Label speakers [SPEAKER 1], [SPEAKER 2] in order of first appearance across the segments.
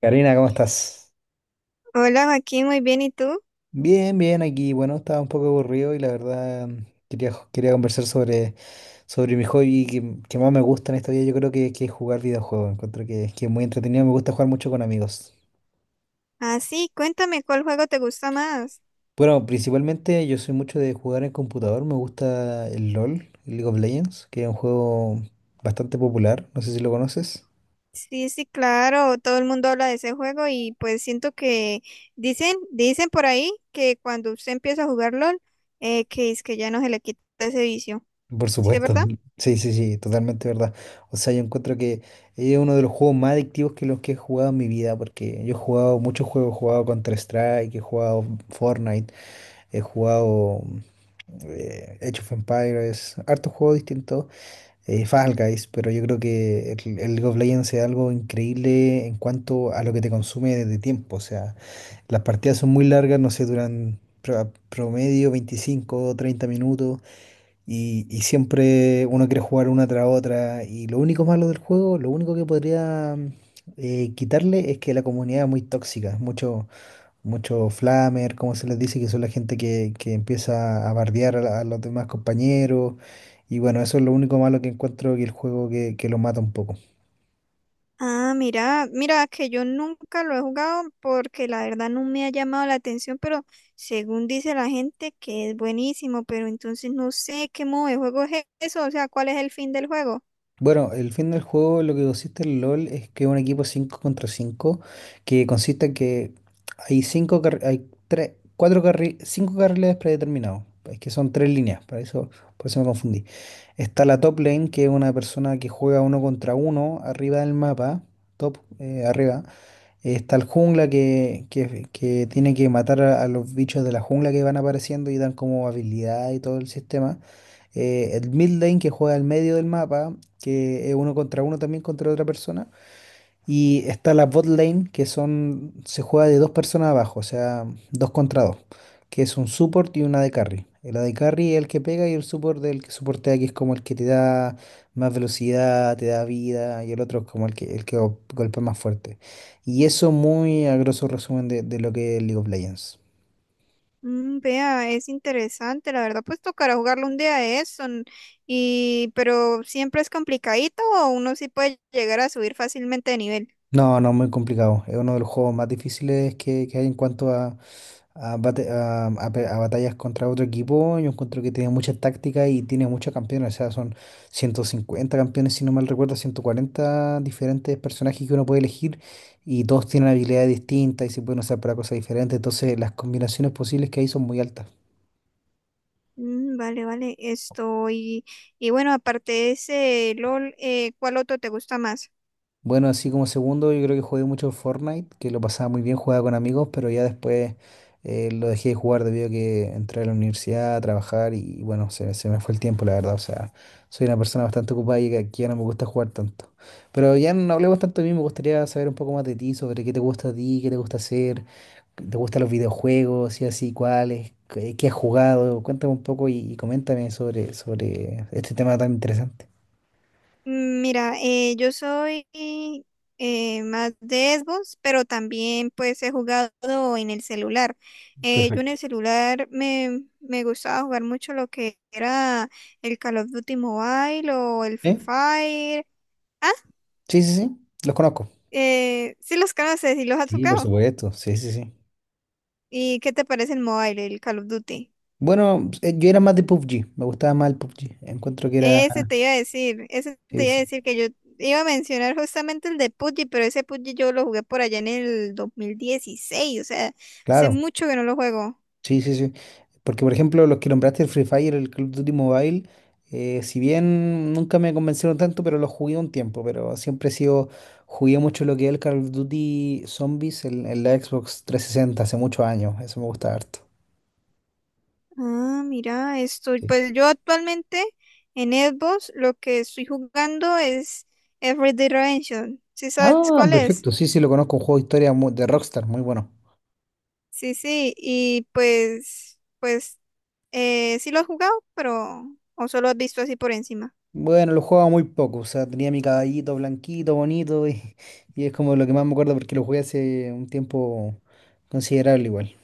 [SPEAKER 1] Karina, ¿cómo estás?
[SPEAKER 2] Hola Joaquín, muy bien, ¿y tú?
[SPEAKER 1] Bien, bien, aquí. Bueno, estaba un poco aburrido y la verdad quería, quería conversar sobre mi hobby que más me gusta en esta vida. Yo creo que es jugar videojuegos. Encuentro que es muy entretenido, me gusta jugar mucho con amigos.
[SPEAKER 2] Ah, sí, cuéntame, ¿cuál juego te gusta más?
[SPEAKER 1] Bueno, principalmente yo soy mucho de jugar en computador. Me gusta el LOL, el League of Legends, que es un juego bastante popular. No sé si lo conoces.
[SPEAKER 2] Sí, sí, claro, todo el mundo habla de ese juego y pues siento que dicen por ahí que cuando usted empieza a jugar LOL, que es que ya no se le quita ese vicio.
[SPEAKER 1] Por
[SPEAKER 2] ¿Sí es
[SPEAKER 1] supuesto,
[SPEAKER 2] verdad?
[SPEAKER 1] sí, sí, sí, totalmente verdad. O sea, yo encuentro que es uno de los juegos más adictivos que los que he jugado en mi vida, porque yo he jugado muchos juegos, he jugado Counter-Strike, he jugado Fortnite, he jugado Age of Empires, hartos juegos distintos, Fall Guys, pero yo creo que el League of Legends es algo increíble en cuanto a lo que te consume de tiempo, o sea, las partidas son muy largas, no sé, duran promedio 25 o 30 minutos y siempre uno quiere jugar una tras otra. Y lo único malo del juego, lo único que podría quitarle es que la comunidad es muy tóxica. Mucho, mucho flamer, como se les dice, que son la gente que empieza a bardear a, a los demás compañeros. Y bueno, eso es lo único malo que encuentro que el juego que lo mata un poco.
[SPEAKER 2] Ah, mira, mira que yo nunca lo he jugado porque la verdad no me ha llamado la atención, pero según dice la gente que es buenísimo, pero entonces no sé qué modo de juego es eso, o sea, ¿cuál es el fin del juego?
[SPEAKER 1] Bueno, el fin del juego, lo que consiste el LOL es que un equipo 5 contra 5, que consiste en que hay hay tres, cinco carriles predeterminados, es que son tres líneas, para eso, por eso me confundí. Está la top lane, que es una persona que juega uno contra uno arriba del mapa, top, arriba. Está el jungla que tiene que matar a los bichos de la jungla que van apareciendo y dan como habilidad y todo el sistema. El mid lane que juega al medio del mapa, que es uno contra uno también contra otra persona. Y está la bot lane, que son, se juega de dos personas abajo, o sea, dos contra dos, que es un support y una de carry. El de carry es el que pega y el support el que soportea, que es como el que te da más velocidad, te da vida, y el otro es como el el que golpea más fuerte. Y eso muy a grosso resumen de lo que es League of Legends.
[SPEAKER 2] Vea, es interesante, la verdad, pues tocará jugarlo un día de eso, y pero siempre es complicadito o uno sí puede llegar a subir fácilmente de nivel.
[SPEAKER 1] No, no, muy complicado. Es uno de los juegos más difíciles que hay en cuanto a a batallas contra otro equipo, yo encuentro que tiene mucha táctica y tiene muchos campeones, o sea, son 150 campeones, si no mal recuerdo, 140 diferentes personajes que uno puede elegir y todos tienen habilidades distintas y se pueden usar para cosas diferentes, entonces las combinaciones posibles que hay son muy altas.
[SPEAKER 2] Vale, vale, esto, y bueno, aparte de ese LOL, ¿cuál otro te gusta más?
[SPEAKER 1] Bueno, así como segundo, yo creo que jugué mucho Fortnite, que lo pasaba muy bien, jugaba con amigos, pero ya después lo dejé de jugar debido a que entré a la universidad a trabajar y bueno, se me fue el tiempo, la verdad. O sea, soy una persona bastante ocupada y que ya no me gusta jugar tanto. Pero ya no hablemos tanto de mí, me gustaría saber un poco más de ti, sobre qué te gusta a ti, qué te gusta hacer, qué te gustan los videojuegos, y así, cuáles, qué, qué has jugado. Cuéntame un poco y coméntame sobre este tema tan interesante.
[SPEAKER 2] Mira, yo soy más de Xbox, pero también pues he jugado en el celular. Yo en
[SPEAKER 1] Perfecto.
[SPEAKER 2] el celular me gustaba jugar mucho lo que era el Call of Duty Mobile o el Free
[SPEAKER 1] ¿Eh?
[SPEAKER 2] Fire. Ah,
[SPEAKER 1] Sí, sí, sí, los conozco.
[SPEAKER 2] sí los conoces y los has
[SPEAKER 1] Sí, por
[SPEAKER 2] jugado.
[SPEAKER 1] supuesto, sí, sí, sí.
[SPEAKER 2] ¿Y qué te parece el Mobile, el Call of Duty?
[SPEAKER 1] Bueno, yo era más de PUBG, me gustaba más el PUBG. Encuentro que era.
[SPEAKER 2] Ese te iba a decir, ese te
[SPEAKER 1] Sí,
[SPEAKER 2] iba a
[SPEAKER 1] sí,
[SPEAKER 2] decir que yo iba a mencionar justamente el de PUBG, pero ese PUBG yo lo jugué por allá en el 2016, o sea, hace
[SPEAKER 1] claro,
[SPEAKER 2] mucho que no lo juego.
[SPEAKER 1] sí, sí, sí. Porque, por ejemplo, los que nombraste el Free Fire, el Call of Duty Mobile, si bien nunca me convencieron tanto, pero los jugué un tiempo. Pero siempre he sido. Jugué mucho lo que es el Call of Duty Zombies en la Xbox 360, hace muchos años. Eso me gusta harto.
[SPEAKER 2] Ah, mira, esto,
[SPEAKER 1] Sí.
[SPEAKER 2] pues yo actualmente en Xbox lo que estoy jugando es Every Dimension, ¿sí sabes
[SPEAKER 1] Ah,
[SPEAKER 2] cuál es?
[SPEAKER 1] perfecto, sí, sí, lo conozco, un juego de historia de Rockstar, muy bueno.
[SPEAKER 2] Sí, sí, y pues sí lo has jugado, pero, o solo has visto así por encima.
[SPEAKER 1] Bueno, lo jugaba muy poco, o sea, tenía mi caballito blanquito, bonito, y, y es como lo que más me acuerdo porque lo jugué hace un tiempo considerable igual.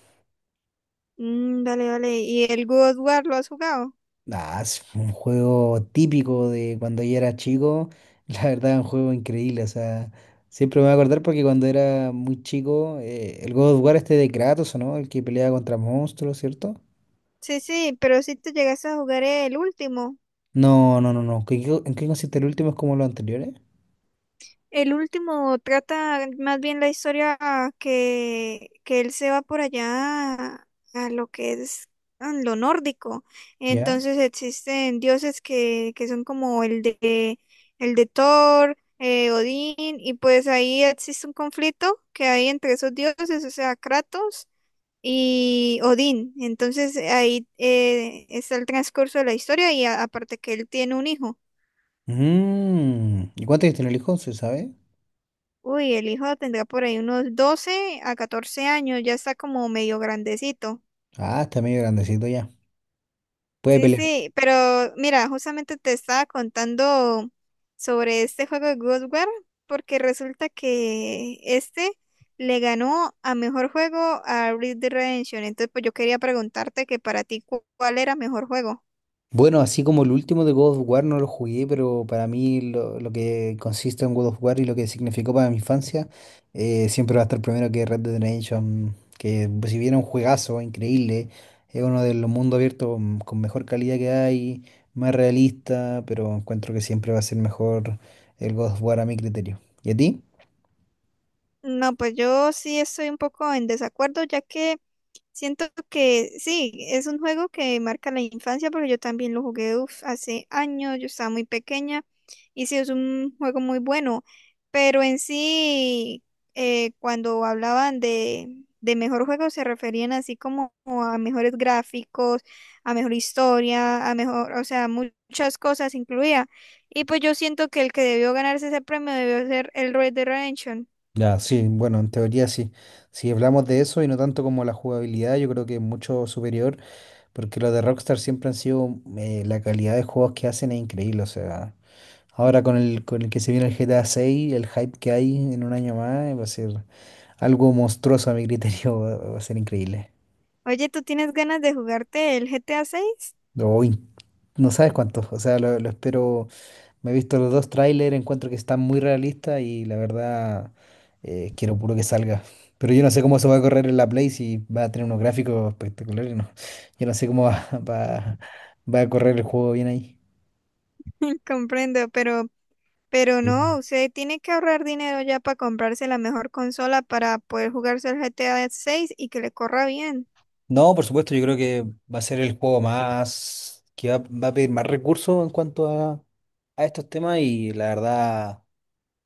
[SPEAKER 2] Dale, dale, ¿y el God of War lo has jugado?
[SPEAKER 1] Ah, es un juego típico de cuando yo era chico, la verdad es un juego increíble, o sea, siempre me voy a acordar porque cuando era muy chico, el God of War este de Kratos, ¿o no? El que peleaba contra monstruos, ¿cierto?
[SPEAKER 2] Sí, sí, pero si te llegas a jugar el último.
[SPEAKER 1] No, no, no, no, ¿en qué consiste el último? ¿Es como los anteriores?
[SPEAKER 2] El último trata más bien la historia que él se va por allá a lo que es a lo nórdico.
[SPEAKER 1] ¿Ya?
[SPEAKER 2] Entonces existen dioses que son como el de Thor, Odín, y pues ahí existe un conflicto que hay entre esos dioses, o sea, Kratos y Odín. Entonces ahí está el transcurso de la historia y aparte que él tiene un hijo.
[SPEAKER 1] Mm, ¿y cuántos años tiene el hijo? ¿Se sabe?
[SPEAKER 2] Uy, el hijo tendrá por ahí unos 12 a 14 años, ya está como medio grandecito.
[SPEAKER 1] Ah, está medio grandecito ya. Puede
[SPEAKER 2] Sí,
[SPEAKER 1] pelear.
[SPEAKER 2] sí, pero mira, justamente te estaba contando sobre este juego de Ghostwire, porque resulta que este le ganó a mejor juego a Red Dead Redemption. Entonces, pues yo quería preguntarte que para ti, ¿cuál era mejor juego?
[SPEAKER 1] Bueno, así como el último de God of War no lo jugué, pero para mí lo que consiste en God of War y lo que significó para mi infancia, siempre va a estar primero que Red Dead Redemption, que pues, si bien es un juegazo increíble, es uno de los mundos abiertos con mejor calidad que hay, más realista, pero encuentro que siempre va a ser mejor el God of War a mi criterio. ¿Y a ti?
[SPEAKER 2] No, pues yo sí estoy un poco en desacuerdo, ya que siento que sí, es un juego que marca la infancia porque yo también lo jugué, uf, hace años, yo estaba muy pequeña y sí, es un juego muy bueno, pero en sí, cuando hablaban de mejor juego se referían así como a mejores gráficos, a mejor historia, a mejor, o sea, muchas cosas incluía. Y pues yo siento que el que debió ganarse ese premio debió ser el Red Dead Redemption.
[SPEAKER 1] Ya, sí, bueno, en teoría sí. Si hablamos de eso y no tanto como la jugabilidad, yo creo que es mucho superior. Porque lo de Rockstar siempre han sido, la calidad de juegos que hacen es increíble, o sea, ahora con con el que se viene el GTA 6 el hype que hay en un año más, va a ser algo monstruoso a mi criterio, va, va a ser increíble.
[SPEAKER 2] Oye, ¿tú tienes ganas de jugarte el GTA 6?
[SPEAKER 1] O in- no sabes cuántos, o sea, lo espero, me he visto los dos trailers, encuentro que están muy realistas y la verdad quiero puro que salga. Pero yo no sé cómo se va a correr en la Play si va a tener unos gráficos espectaculares, no. Yo no sé cómo va, va a correr el juego bien ahí.
[SPEAKER 2] Comprendo, pero no,
[SPEAKER 1] Sí.
[SPEAKER 2] usted tiene que ahorrar dinero ya para comprarse la mejor consola para poder jugarse el GTA 6 y que le corra bien.
[SPEAKER 1] No, por supuesto, yo creo que va a ser el juego más, que va, va a pedir más recursos en cuanto a estos temas y la verdad,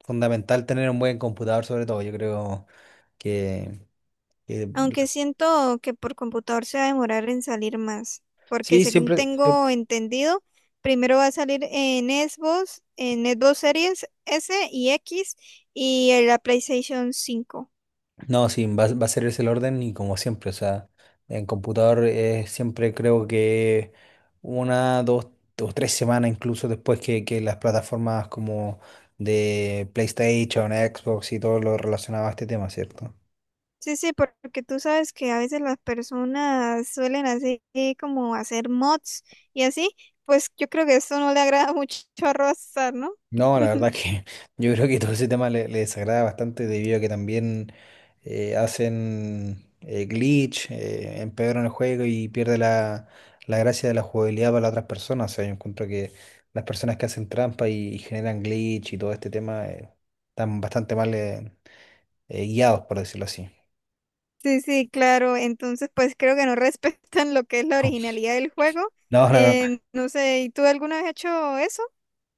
[SPEAKER 1] fundamental tener un buen computador sobre todo, yo creo que, que-
[SPEAKER 2] Aunque siento que por computador se va a demorar en salir más, porque
[SPEAKER 1] sí,
[SPEAKER 2] según
[SPEAKER 1] siempre, siempre,
[SPEAKER 2] tengo entendido, primero va a salir en Xbox Series S y X y en la PlayStation 5.
[SPEAKER 1] no, sí, va, va a ser ese el orden y como siempre, o sea, en computador siempre creo que una, dos o tres semanas incluso después que las plataformas como de PlayStation, Xbox y todo lo relacionado a este tema, ¿cierto?
[SPEAKER 2] Sí, sí, porque tú sabes que a veces las personas suelen hacer como hacer mods y así, pues yo creo que eso no le agrada mucho a Rockstar, ¿no?
[SPEAKER 1] No, la verdad que yo creo que todo ese tema le desagrada bastante debido a que también hacen glitch, empeoran el juego y pierde la gracia de la jugabilidad para las otras personas. O sea, yo encuentro que las personas que hacen trampa y generan glitch y todo este tema están bastante mal guiados, por decirlo así.
[SPEAKER 2] Sí, sí, claro. Entonces, pues creo que no respetan lo que es la originalidad del juego.
[SPEAKER 1] No, no, no.
[SPEAKER 2] No sé, ¿y tú alguna vez has hecho eso?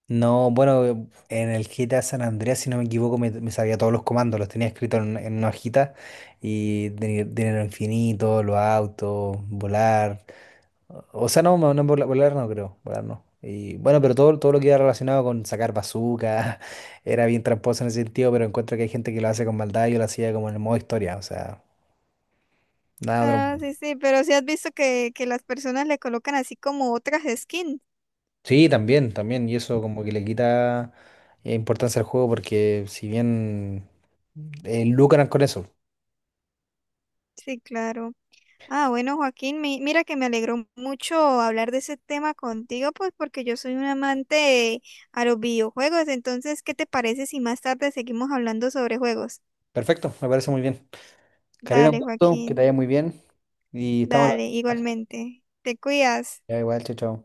[SPEAKER 1] No, bueno, en el GTA San Andreas, si no me equivoco, me sabía todos los comandos, los tenía escritos en una hojita y tenía dinero infinito, los autos, volar. O sea, no, no, no, volar no creo, volar no. Y bueno, pero todo, todo lo que era relacionado con sacar bazooka era bien tramposo en ese sentido, pero encuentro que hay gente que lo hace con maldad, yo lo hacía como en el modo historia, o sea, nada otro
[SPEAKER 2] Ah,
[SPEAKER 1] mundo.
[SPEAKER 2] sí, sí, pero sí has visto que las personas le colocan así como otras skins.
[SPEAKER 1] Sí, también, también, y eso como que le quita importancia al juego porque si bien lucran con eso.
[SPEAKER 2] Sí, claro. Ah, bueno, Joaquín, mira que me alegró mucho hablar de ese tema contigo, pues porque yo soy un amante a los videojuegos. Entonces, ¿qué te parece si más tarde seguimos hablando sobre juegos?
[SPEAKER 1] Perfecto, me parece muy bien. Karina, un
[SPEAKER 2] Dale,
[SPEAKER 1] gusto, que te
[SPEAKER 2] Joaquín,
[SPEAKER 1] vaya muy bien. Y estamos a
[SPEAKER 2] dale,
[SPEAKER 1] la...
[SPEAKER 2] igualmente. Te cuidas.
[SPEAKER 1] Ya igual, chao, chao.